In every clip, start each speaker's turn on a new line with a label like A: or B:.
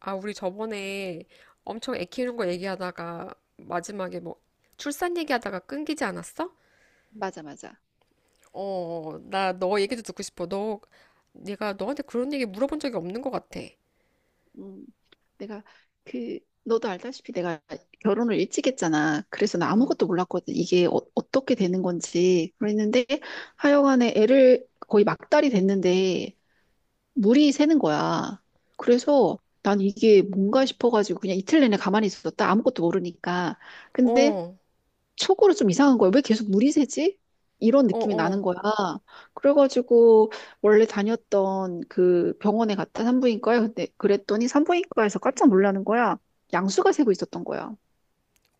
A: 아, 우리 저번에 엄청 애 키우는 거 얘기하다가 마지막에 뭐 출산 얘기하다가 끊기지 않았어?
B: 맞아, 맞아.
A: 어, 나 너 얘기도 듣고 싶어. 너 내가 너한테 그런 얘기 물어본 적이 없는 것 같아.
B: 음, 내가 그 너도 알다시피 내가 결혼을 일찍 했잖아. 그래서 나
A: 어,
B: 아무것도 몰랐거든. 이게 떻게 되는 건지. 그랬는데 하여간에 애를 거의 막달이 됐는데 물이 새는 거야. 그래서 난 이게 뭔가 싶어가지고 그냥 이틀 내내 가만히 있었다. 아무것도 모르니까. 근데
A: 어,
B: 속으로 좀 이상한 거예요. 왜 계속 물이 새지? 이런
A: 어,
B: 느낌이 나는
A: 어,
B: 거야. 그래가지고 원래 다녔던 그 병원에 갔다 산부인과에, 근데 그랬더니 산부인과에서 깜짝 놀라는 거야. 양수가 새고 있었던 거야.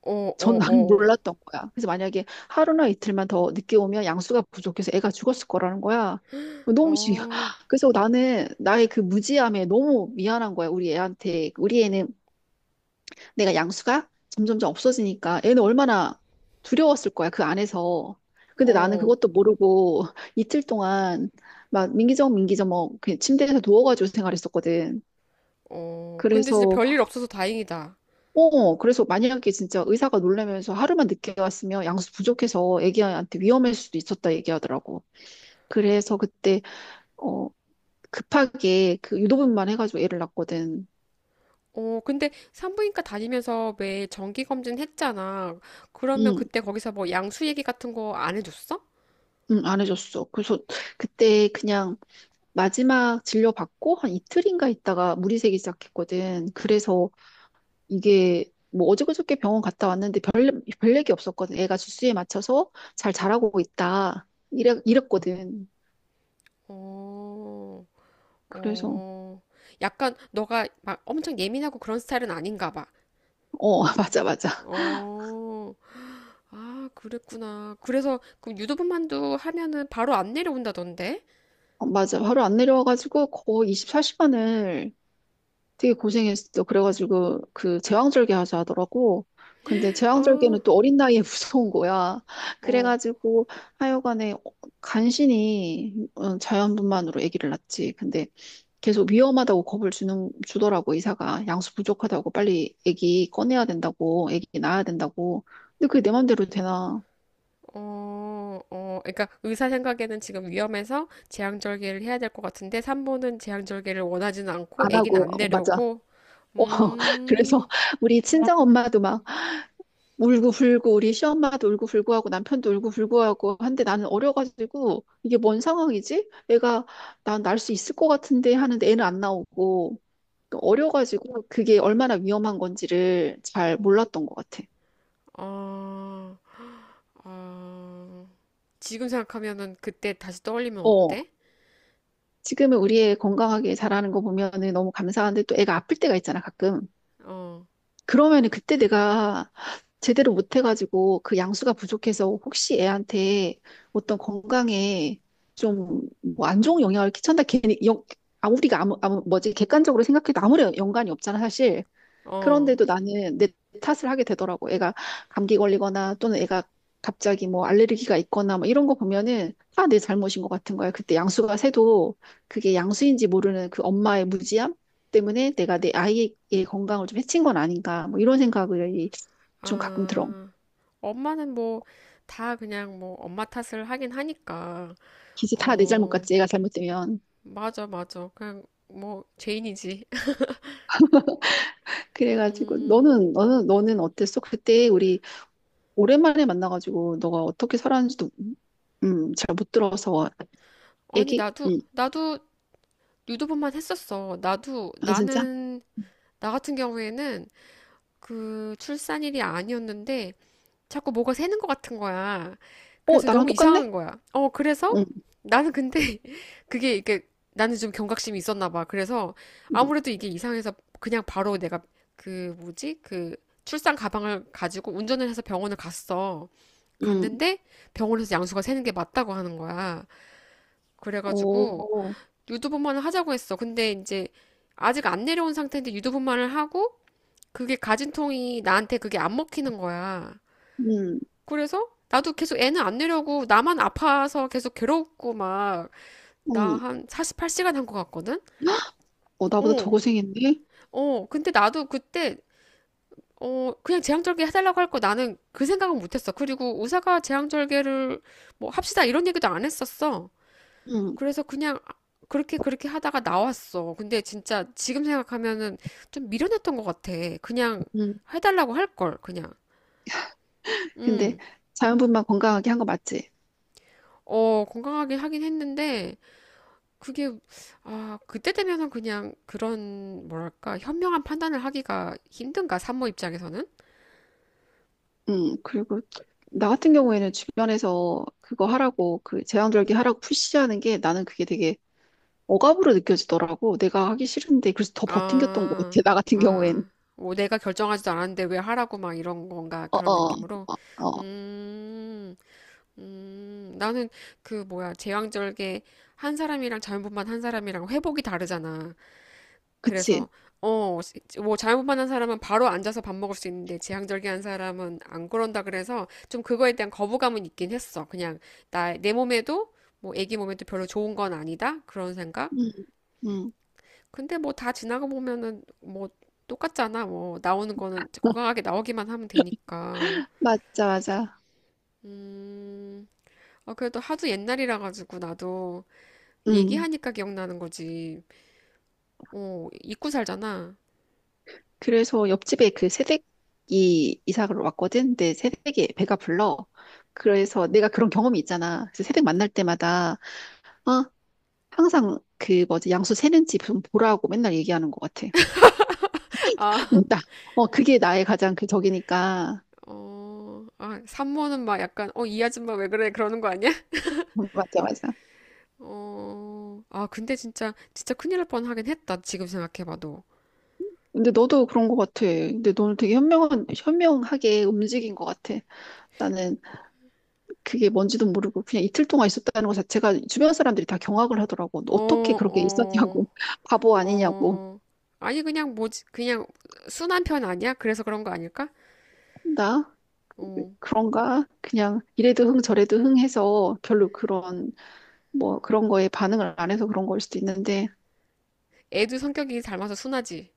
A: 어,
B: 전
A: 어,
B: 나는
A: 어,
B: 몰랐던 거야. 그래서 만약에 하루나 이틀만 더 늦게 오면 양수가 부족해서 애가 죽었을 거라는 거야. 너무 신기해.
A: 어,
B: 그래서 나는 나의 그 무지함에 너무 미안한 거야. 우리 애한테. 우리 애는 내가 양수가 점점점 없어지니까 애는 얼마나 두려웠을 거야, 그 안에서. 근데 나는
A: 어,
B: 그것도 모르고 이틀 동안 막 민기적 민기적 뭐 그냥 침대에서 누워가지고 생활했었거든.
A: 어. 근데 진짜
B: 그래서
A: 별일 없어서 다행이다.
B: 그래서 만약에 진짜 의사가 놀라면서 하루만 늦게 왔으면 양수 부족해서 애기한테 위험할 수도 있었다 얘기하더라고. 그래서 그때 어 급하게 그 유도분만 해가지고 애를 낳았거든.
A: 어, 근데 산부인과 다니면서 왜 정기 검진 했잖아. 그러면
B: 응,
A: 그때 거기서 뭐 양수 얘기 같은 거 안 해줬어?
B: 응, 안 해줬어. 그래서 그때 그냥 마지막 진료받고 한 이틀인가 있다가 물이 새기 시작했거든. 그래서 이게 뭐 어저그저께 병원 갔다 왔는데 별 얘기 없었거든. 애가 주수에 맞춰서 잘 자라고 있다. 이래, 이랬거든.
A: 어.
B: 그래서,
A: 어, 약간 너가 막 엄청 예민하고 그런 스타일은 아닌가 봐.
B: 어, 맞아, 맞아.
A: 어, 아, 그랬구나. 그래서 그 유도분만두 하면은 바로 안 내려온다던데?
B: 어, 맞아. 바로 안 내려와가지고 거의 24시간을 되게 고생했어. 그래가지고 그 제왕절개 하자 하더라고. 근데
A: 아,
B: 제왕절개는 또 어린 나이에 무서운 거야.
A: 어,
B: 그래가지고 하여간에 간신히 자연분만으로 아기를 낳지. 근데 계속 위험하다고 겁을 주는 주더라고, 의사가. 양수 부족하다고 빨리 아기 꺼내야 된다고, 아기 낳아야 된다고. 근데 그게 내 맘대로 되나?
A: 어, 어. 그러니까 의사 생각에는 지금 위험해서 제왕절개를 해야 될 것 같은데 산모는 제왕절개를 원하지는 않고
B: 안
A: 아기는
B: 하고
A: 안
B: 어, 맞아.
A: 내려오고.
B: 어, 그래서
A: 음,
B: 우리 친정 엄마도 막 울고 불고, 우리 시엄마도 울고 불고 하고, 남편도 울고 불고 하고 한데, 나는 어려가지고 이게 뭔 상황이지? 애가, 난 날 수 있을 것 같은데 하는데 애는 안 나오고, 어려가지고 그게 얼마나 위험한 건지를 잘 몰랐던 것 같아.
A: 아, 아. 지금 생각하면은 그때 다시 떠올리면
B: 어,
A: 어때?
B: 지금은 우리 애 건강하게 자라는 거 보면은 너무 감사한데, 또 애가 아플 때가 있잖아, 가끔.
A: 어,
B: 그러면은 그때 내가 제대로 못해가지고 그 양수가 부족해서 혹시 애한테 어떤 건강에 좀 뭐 안 좋은 영향을 끼친다, 괜히. 아 우리가 아무 뭐지, 객관적으로 생각해도 아무런 연관이 없잖아, 사실.
A: 어.
B: 그런데도 나는 내 탓을 하게 되더라고. 애가 감기 걸리거나, 또는 애가 갑자기 뭐 알레르기가 있거나 뭐 이런 거 보면은 다 내 잘못인 것 같은 거야. 그때 양수가 새도 그게 양수인지 모르는 그 엄마의 무지함 때문에 내가 내 아이의 건강을 좀 해친 건 아닌가, 뭐 이런 생각을 좀 가끔 들어.
A: 아, 엄마는 뭐, 다 그냥 뭐, 엄마 탓을 하긴 하니까.
B: 기지 다 내 잘못
A: 어,
B: 같지, 애가 잘못되면.
A: 맞아, 맞아. 그냥 뭐, 죄인이지.
B: 그래가지고
A: 음,
B: 너는 어땠어? 그때 우리 오랜만에 만나가지고 너가 어떻게 살았는지도 잘 못 들어서.
A: 아니,
B: 애기?
A: 나도, 나도 유도분만 했었어.
B: 아 진짜?
A: 나 같은 경우에는 그 출산일이 아니었는데, 자꾸 뭐가 새는 것 같은 거야.
B: 어,
A: 그래서
B: 나랑
A: 너무 이상한
B: 똑같네?
A: 거야. 어, 그래서
B: 응,
A: 나는 근데 그게 이게 나는 좀 경각심이 있었나 봐. 그래서
B: 응,
A: 아무래도 이게 이상해서 그냥 바로 내가 그 뭐지? 그 출산 가방을 가지고 운전을 해서 병원을 갔어.
B: 응,
A: 갔는데 병원에서 양수가 새는 게 맞다고 하는 거야. 그래가지고
B: 오,
A: 유두분만을 하자고 했어. 근데 이제 아직 안 내려온 상태인데 유두분만을 하고 그게 가진통이 나한테 그게 안 먹히는 거야.
B: 응,
A: 그래서 나도 계속 애는 안 내려고 나만 아파서 계속 괴롭고 막 나
B: 응,
A: 한 48시간 한 것 같거든?
B: 어, 나보다 더
A: 어,
B: 고생했네?
A: 어. 근데 나도 그때 어 그냥 제왕절개 해달라고 할 거 나는 그 생각은 못했어. 그리고 의사가 제왕절개를 뭐 합시다 이런 얘기도 안 했었어.
B: 응,
A: 그래서 그냥 그렇게 하다가 나왔어. 근데 진짜 지금 생각하면은 좀 미련했던 것 같아. 그냥
B: 응,
A: 해달라고 할 걸, 그냥.
B: 근데
A: 음,
B: 자연분만 건강하게 한 거 맞지?
A: 어, 건강하게 하긴 했는데. 그게 아 그때 되면은 그냥 그런 뭐랄까 현명한 판단을 하기가 힘든가 산모 입장에서는
B: 응. 그리고 나 같은 경우에는 주변에서 그거 하라고, 그 제왕절개 하라고 푸시하는 게, 나는 그게 되게 억압으로 느껴지더라고. 내가 하기 싫은데, 그래서 더 버팅겼던 것
A: 아
B: 같아, 나 같은 경우엔.
A: 아 뭐 내가 결정하지도 않았는데 왜 하라고 막 이런 건가
B: 어,
A: 그런
B: 어,
A: 느낌으로
B: 어, 어.
A: 음 나는 그 뭐야 제왕절개 한 사람이랑 자연분만 한 사람이랑 회복이 다르잖아 그래서
B: 그치?
A: 어, 뭐 잘못만 한 사람은 바로 앉아서 밥 먹을 수 있는데 지향절개한 사람은 안 그런다 그래서 좀 그거에 대한 거부감은 있긴 했어. 그냥 나 내 몸에도 뭐 애기 몸에도 별로 좋은 건 아니다 그런 생각.
B: 응, 응.
A: 근데 뭐 다 지나가 보면은 뭐 똑같잖아. 뭐 나오는 거는 건강하게 나오기만 하면 되니까.
B: 맞아, 맞아.
A: 음, 아 그래도 하도 옛날이라 가지고 나도
B: 응,
A: 얘기하니까 기억나는 거지. 어, 잊고 살잖아.
B: 그래서 옆집에 그 새댁이 이사를 왔거든. 근데 새댁이 배가 불러. 그래서 내가 그런 경험이 있잖아. 그래서 새댁 만날 때마다 어, 항상 그 뭐지, 양수 세는지 좀 보라고 맨날 얘기하는 것 같아.
A: 아.
B: 있다. 어, 그게 나의 가장 그 적이니까.
A: 어, 아, 산모는 막 약간, 어, 이 아줌마 왜 그래? 그러는 거 아니야?
B: 맞아, 맞아.
A: 어, 아, 근데 진짜, 진짜 큰일 날 뻔하긴 했다. 지금 생각해봐도.
B: 근데 너도 그런 것 같아. 근데 너는 되게 현명하게 움직인 것 같아. 나는 그게 뭔지도 모르고 그냥 이틀 동안 있었다는 것 자체가, 주변 사람들이 다 경악을 하더라고. 어떻게
A: 어,
B: 그렇게 있었냐고.
A: 어,
B: 바보 아니냐고.
A: 어. 아니, 그냥 뭐지? 그냥 순한 편 아니야? 그래서 그런 거 아닐까?
B: 나.
A: 어.
B: 그런가? 그냥 이래도 흥 저래도 흥 해서, 별로 그런, 뭐 그런 거에 반응을 안 해서 그런 걸 수도 있는데.
A: 애도 성격이 닮아서 순하지.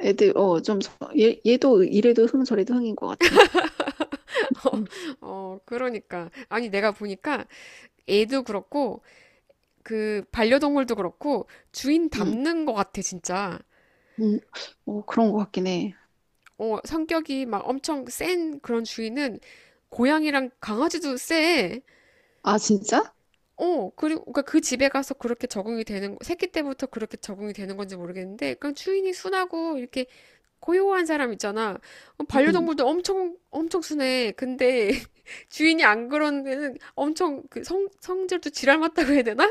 B: 애들 좀, 얘 얘도 이래도 흥 저래도 흥인 것 같아. 응,
A: 어, 그러니까. 아니, 내가 보니까 애도 그렇고, 그, 반려동물도 그렇고, 주인
B: 응,
A: 닮는 거 같아, 진짜.
B: 응. 어 그런 것 같긴 해.
A: 어, 성격이 막 엄청 센 그런 주인은 고양이랑 강아지도 세.
B: 아 진짜?
A: 어, 그리고 그러니까 그 집에 가서 그렇게 적응이 되는, 새끼 때부터 그렇게 적응이 되는 건지 모르겠는데, 그냥 주인이 순하고 이렇게 고요한 사람 있잖아. 어,
B: 응.
A: 반려동물도 엄청, 엄청 순해. 근데 주인이 안 그런 데는 엄청 그 성질도 지랄 맞다고 해야 되나?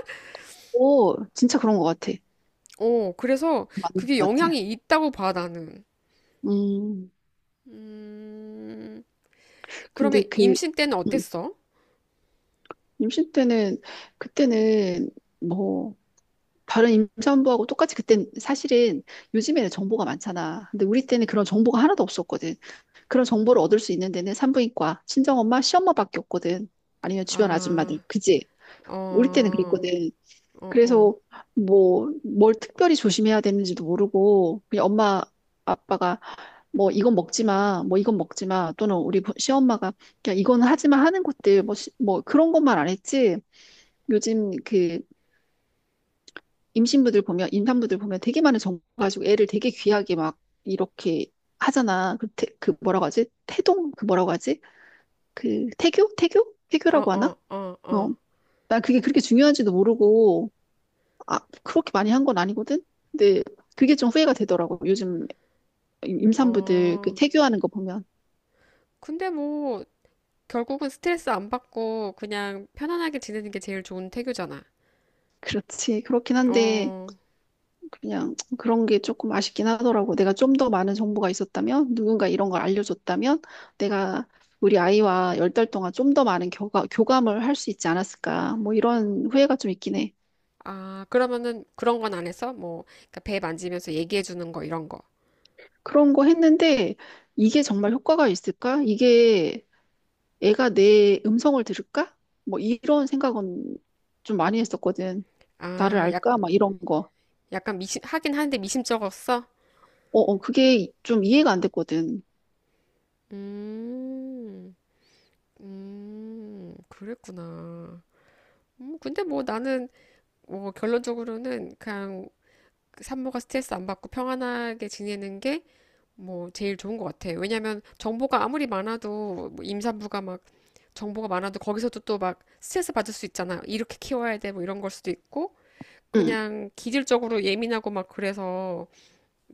B: 오 진짜 그런 것 같아.
A: 어, 그래서
B: 그 맞는
A: 그게
B: 것 같아.
A: 영향이 있다고 봐, 나는.
B: 음
A: 음, 그러면
B: 근데 그
A: 임신 때는
B: 음,
A: 어땠어?
B: 임신 때는, 그때는 뭐 다른 임산부하고 똑같이. 그땐 사실은 요즘에는 정보가 많잖아. 근데 우리 때는 그런 정보가 하나도 없었거든. 그런 정보를 얻을 수 있는 데는 산부인과, 친정엄마, 시엄마밖에 없거든. 아니면 주변
A: 아.
B: 아줌마들. 그지? 우리 때는
A: 어,
B: 그랬거든.
A: 어, 어,
B: 그래서 뭐 뭘 특별히 조심해야 되는지도 모르고, 그냥 엄마 아빠가 뭐 이건 먹지 마, 뭐 이건 먹지 마, 또는 우리 시엄마가 그냥 이건 하지 마 하는 것들 뭐, 뭐 그런 것만 안 했지. 요즘 그 임산부들 보면 되게 많은 정보 가지고 애를 되게 귀하게 막 이렇게 하잖아. 그 뭐라고 하지? 태동? 그 뭐라고 하지?
A: 어,
B: 태교라고 하나?
A: 어, 어,
B: 어.
A: 어,
B: 난 그게 그렇게 중요한지도 모르고, 아, 그렇게 많이 한 건 아니거든? 근데 그게 좀 후회가 되더라고. 요즘 임산부들 그
A: 어.
B: 태교하는 거 보면.
A: 근데 뭐, 결국은 스트레스 안 받고 그냥 편안하게 지내는 게 제일 좋은 태교잖아.
B: 그렇지. 그렇긴 한데,
A: 어,
B: 그냥 그런 게 조금 아쉽긴 하더라고. 내가 좀 더 많은 정보가 있었다면, 누군가 이런 걸 알려줬다면, 내가 우리 아이와 열 달 동안 좀 더 많은 교감을 할 수 있지 않았을까. 뭐 이런 후회가 좀 있긴 해.
A: 아, 그러면은 그런 건 안 했어? 뭐, 그러니까 배 만지면서 얘기해 주는 거, 이런 거.
B: 그런 거 했는데, 이게 정말 효과가 있을까? 이게 애가 내 음성을 들을까? 뭐 이런 생각은 좀 많이 했었거든. 나를
A: 아, 약,
B: 알까? 막 이런 거.
A: 약간 미심, 하긴 하는데 미심쩍었어?
B: 어, 어, 그게 좀 이해가 안 됐거든.
A: 음, 그랬구나. 근데 뭐 나는, 뭐 결론적으로는 그냥 산모가 스트레스 안 받고 평안하게 지내는 게 뭐 제일 좋은 것 같아. 왜냐면 하 정보가 아무리 많아도 뭐 임산부가 막 정보가 많아도 거기서도 또 막 스트레스 받을 수 있잖아. 이렇게 키워야 돼 뭐 이런 걸 수도 있고
B: 응.
A: 그냥 기질적으로 예민하고 막 그래서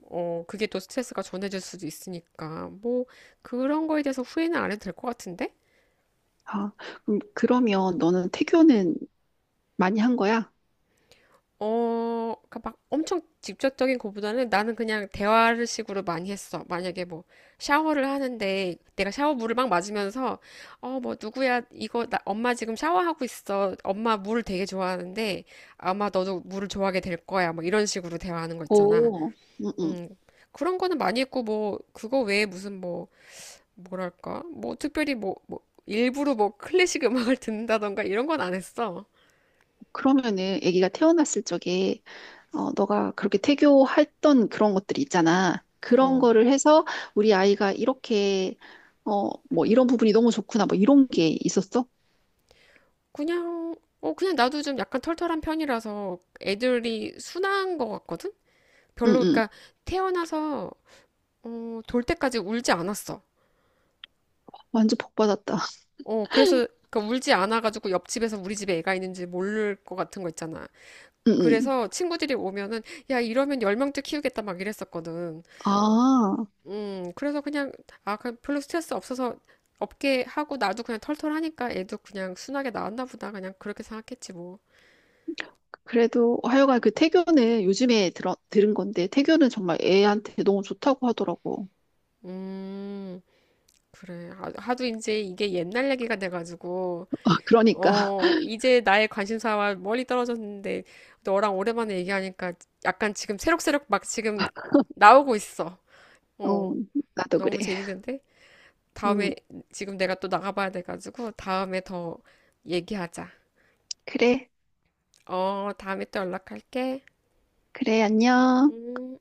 A: 어 그게 또 스트레스가 전해질 수도 있으니까 뭐 그런 거에 대해서 후회는 안 해도 될 것 같은데?
B: 아, 그럼 그러면 너는 태교는 많이 한 거야?
A: 어, 그러니까 막 엄청 직접적인 것보다는 나는 그냥 대화를 식으로 많이 했어. 만약에 뭐 샤워를 하는데 내가 샤워 물을 막 맞으면서 어, 뭐 누구야 이거 나 엄마 지금 샤워하고 있어. 엄마 물을 되게 좋아하는데 아마 너도 물을 좋아하게 될 거야. 뭐 이런 식으로 대화하는 거 있잖아.
B: 오, 음, 음.
A: 음. 그런 거는 많이 했고 뭐 그거 외에 무슨 뭐 뭐랄까? 뭐 특별히 뭐 일부러 뭐 클래식 음악을 듣는다던가 이런 건 안 했어.
B: 그러면은 아기가 태어났을 적에 너가 그렇게 태교했던 그런 것들이 있잖아. 그런
A: 어.
B: 거를 해서 우리 아이가 이렇게 뭐 이런 부분이 너무 좋구나, 뭐 이런 게 있었어?
A: 그냥, 어, 그냥 나도 좀 약간 털털한 편이라서 애들이 순한 것 같거든?
B: 응,
A: 별로,
B: 응.
A: 그러니까 태어나서, 어, 돌 때까지 울지 않았어.
B: 완전 복 받았다.
A: 어, 그래서, 그러니까 울지 않아가지고 옆집에서 우리 집에 애가 있는지 모를 것 같은 거 있잖아.
B: 응, 응.
A: 그래서 친구들이 오면은, 야, 이러면 열명째 키우겠다 막 이랬었거든.
B: 아,
A: 그래서 그냥, 아, 그냥 별로 스트레스 없어서 없게 하고 나도 그냥 털털하니까 애도 그냥 순하게 나왔나 보다. 그냥 그렇게 생각했지 뭐.
B: 그래도 하여간 그 태교는 요즘에 들은 건데, 태교는 정말 애한테 너무 좋다고 하더라고.
A: 음. 그래. 하도 이제 이게 옛날 얘기가 돼가지고,
B: 아, 그러니까.
A: 어, 이제 나의 관심사와 멀리 떨어졌는데, 너랑 오랜만에 얘기하니까 약간 지금 새록새록 막 지금 나오고 있어. 어,
B: 어, 나도 그래.
A: 너무 재밌는데?
B: 응,
A: 다음에, 지금 내가 또 나가봐야 돼가지고, 다음에 더 얘기하자.
B: 그래.
A: 어, 다음에 또 연락할게.
B: 그래, 안녕.
A: 음.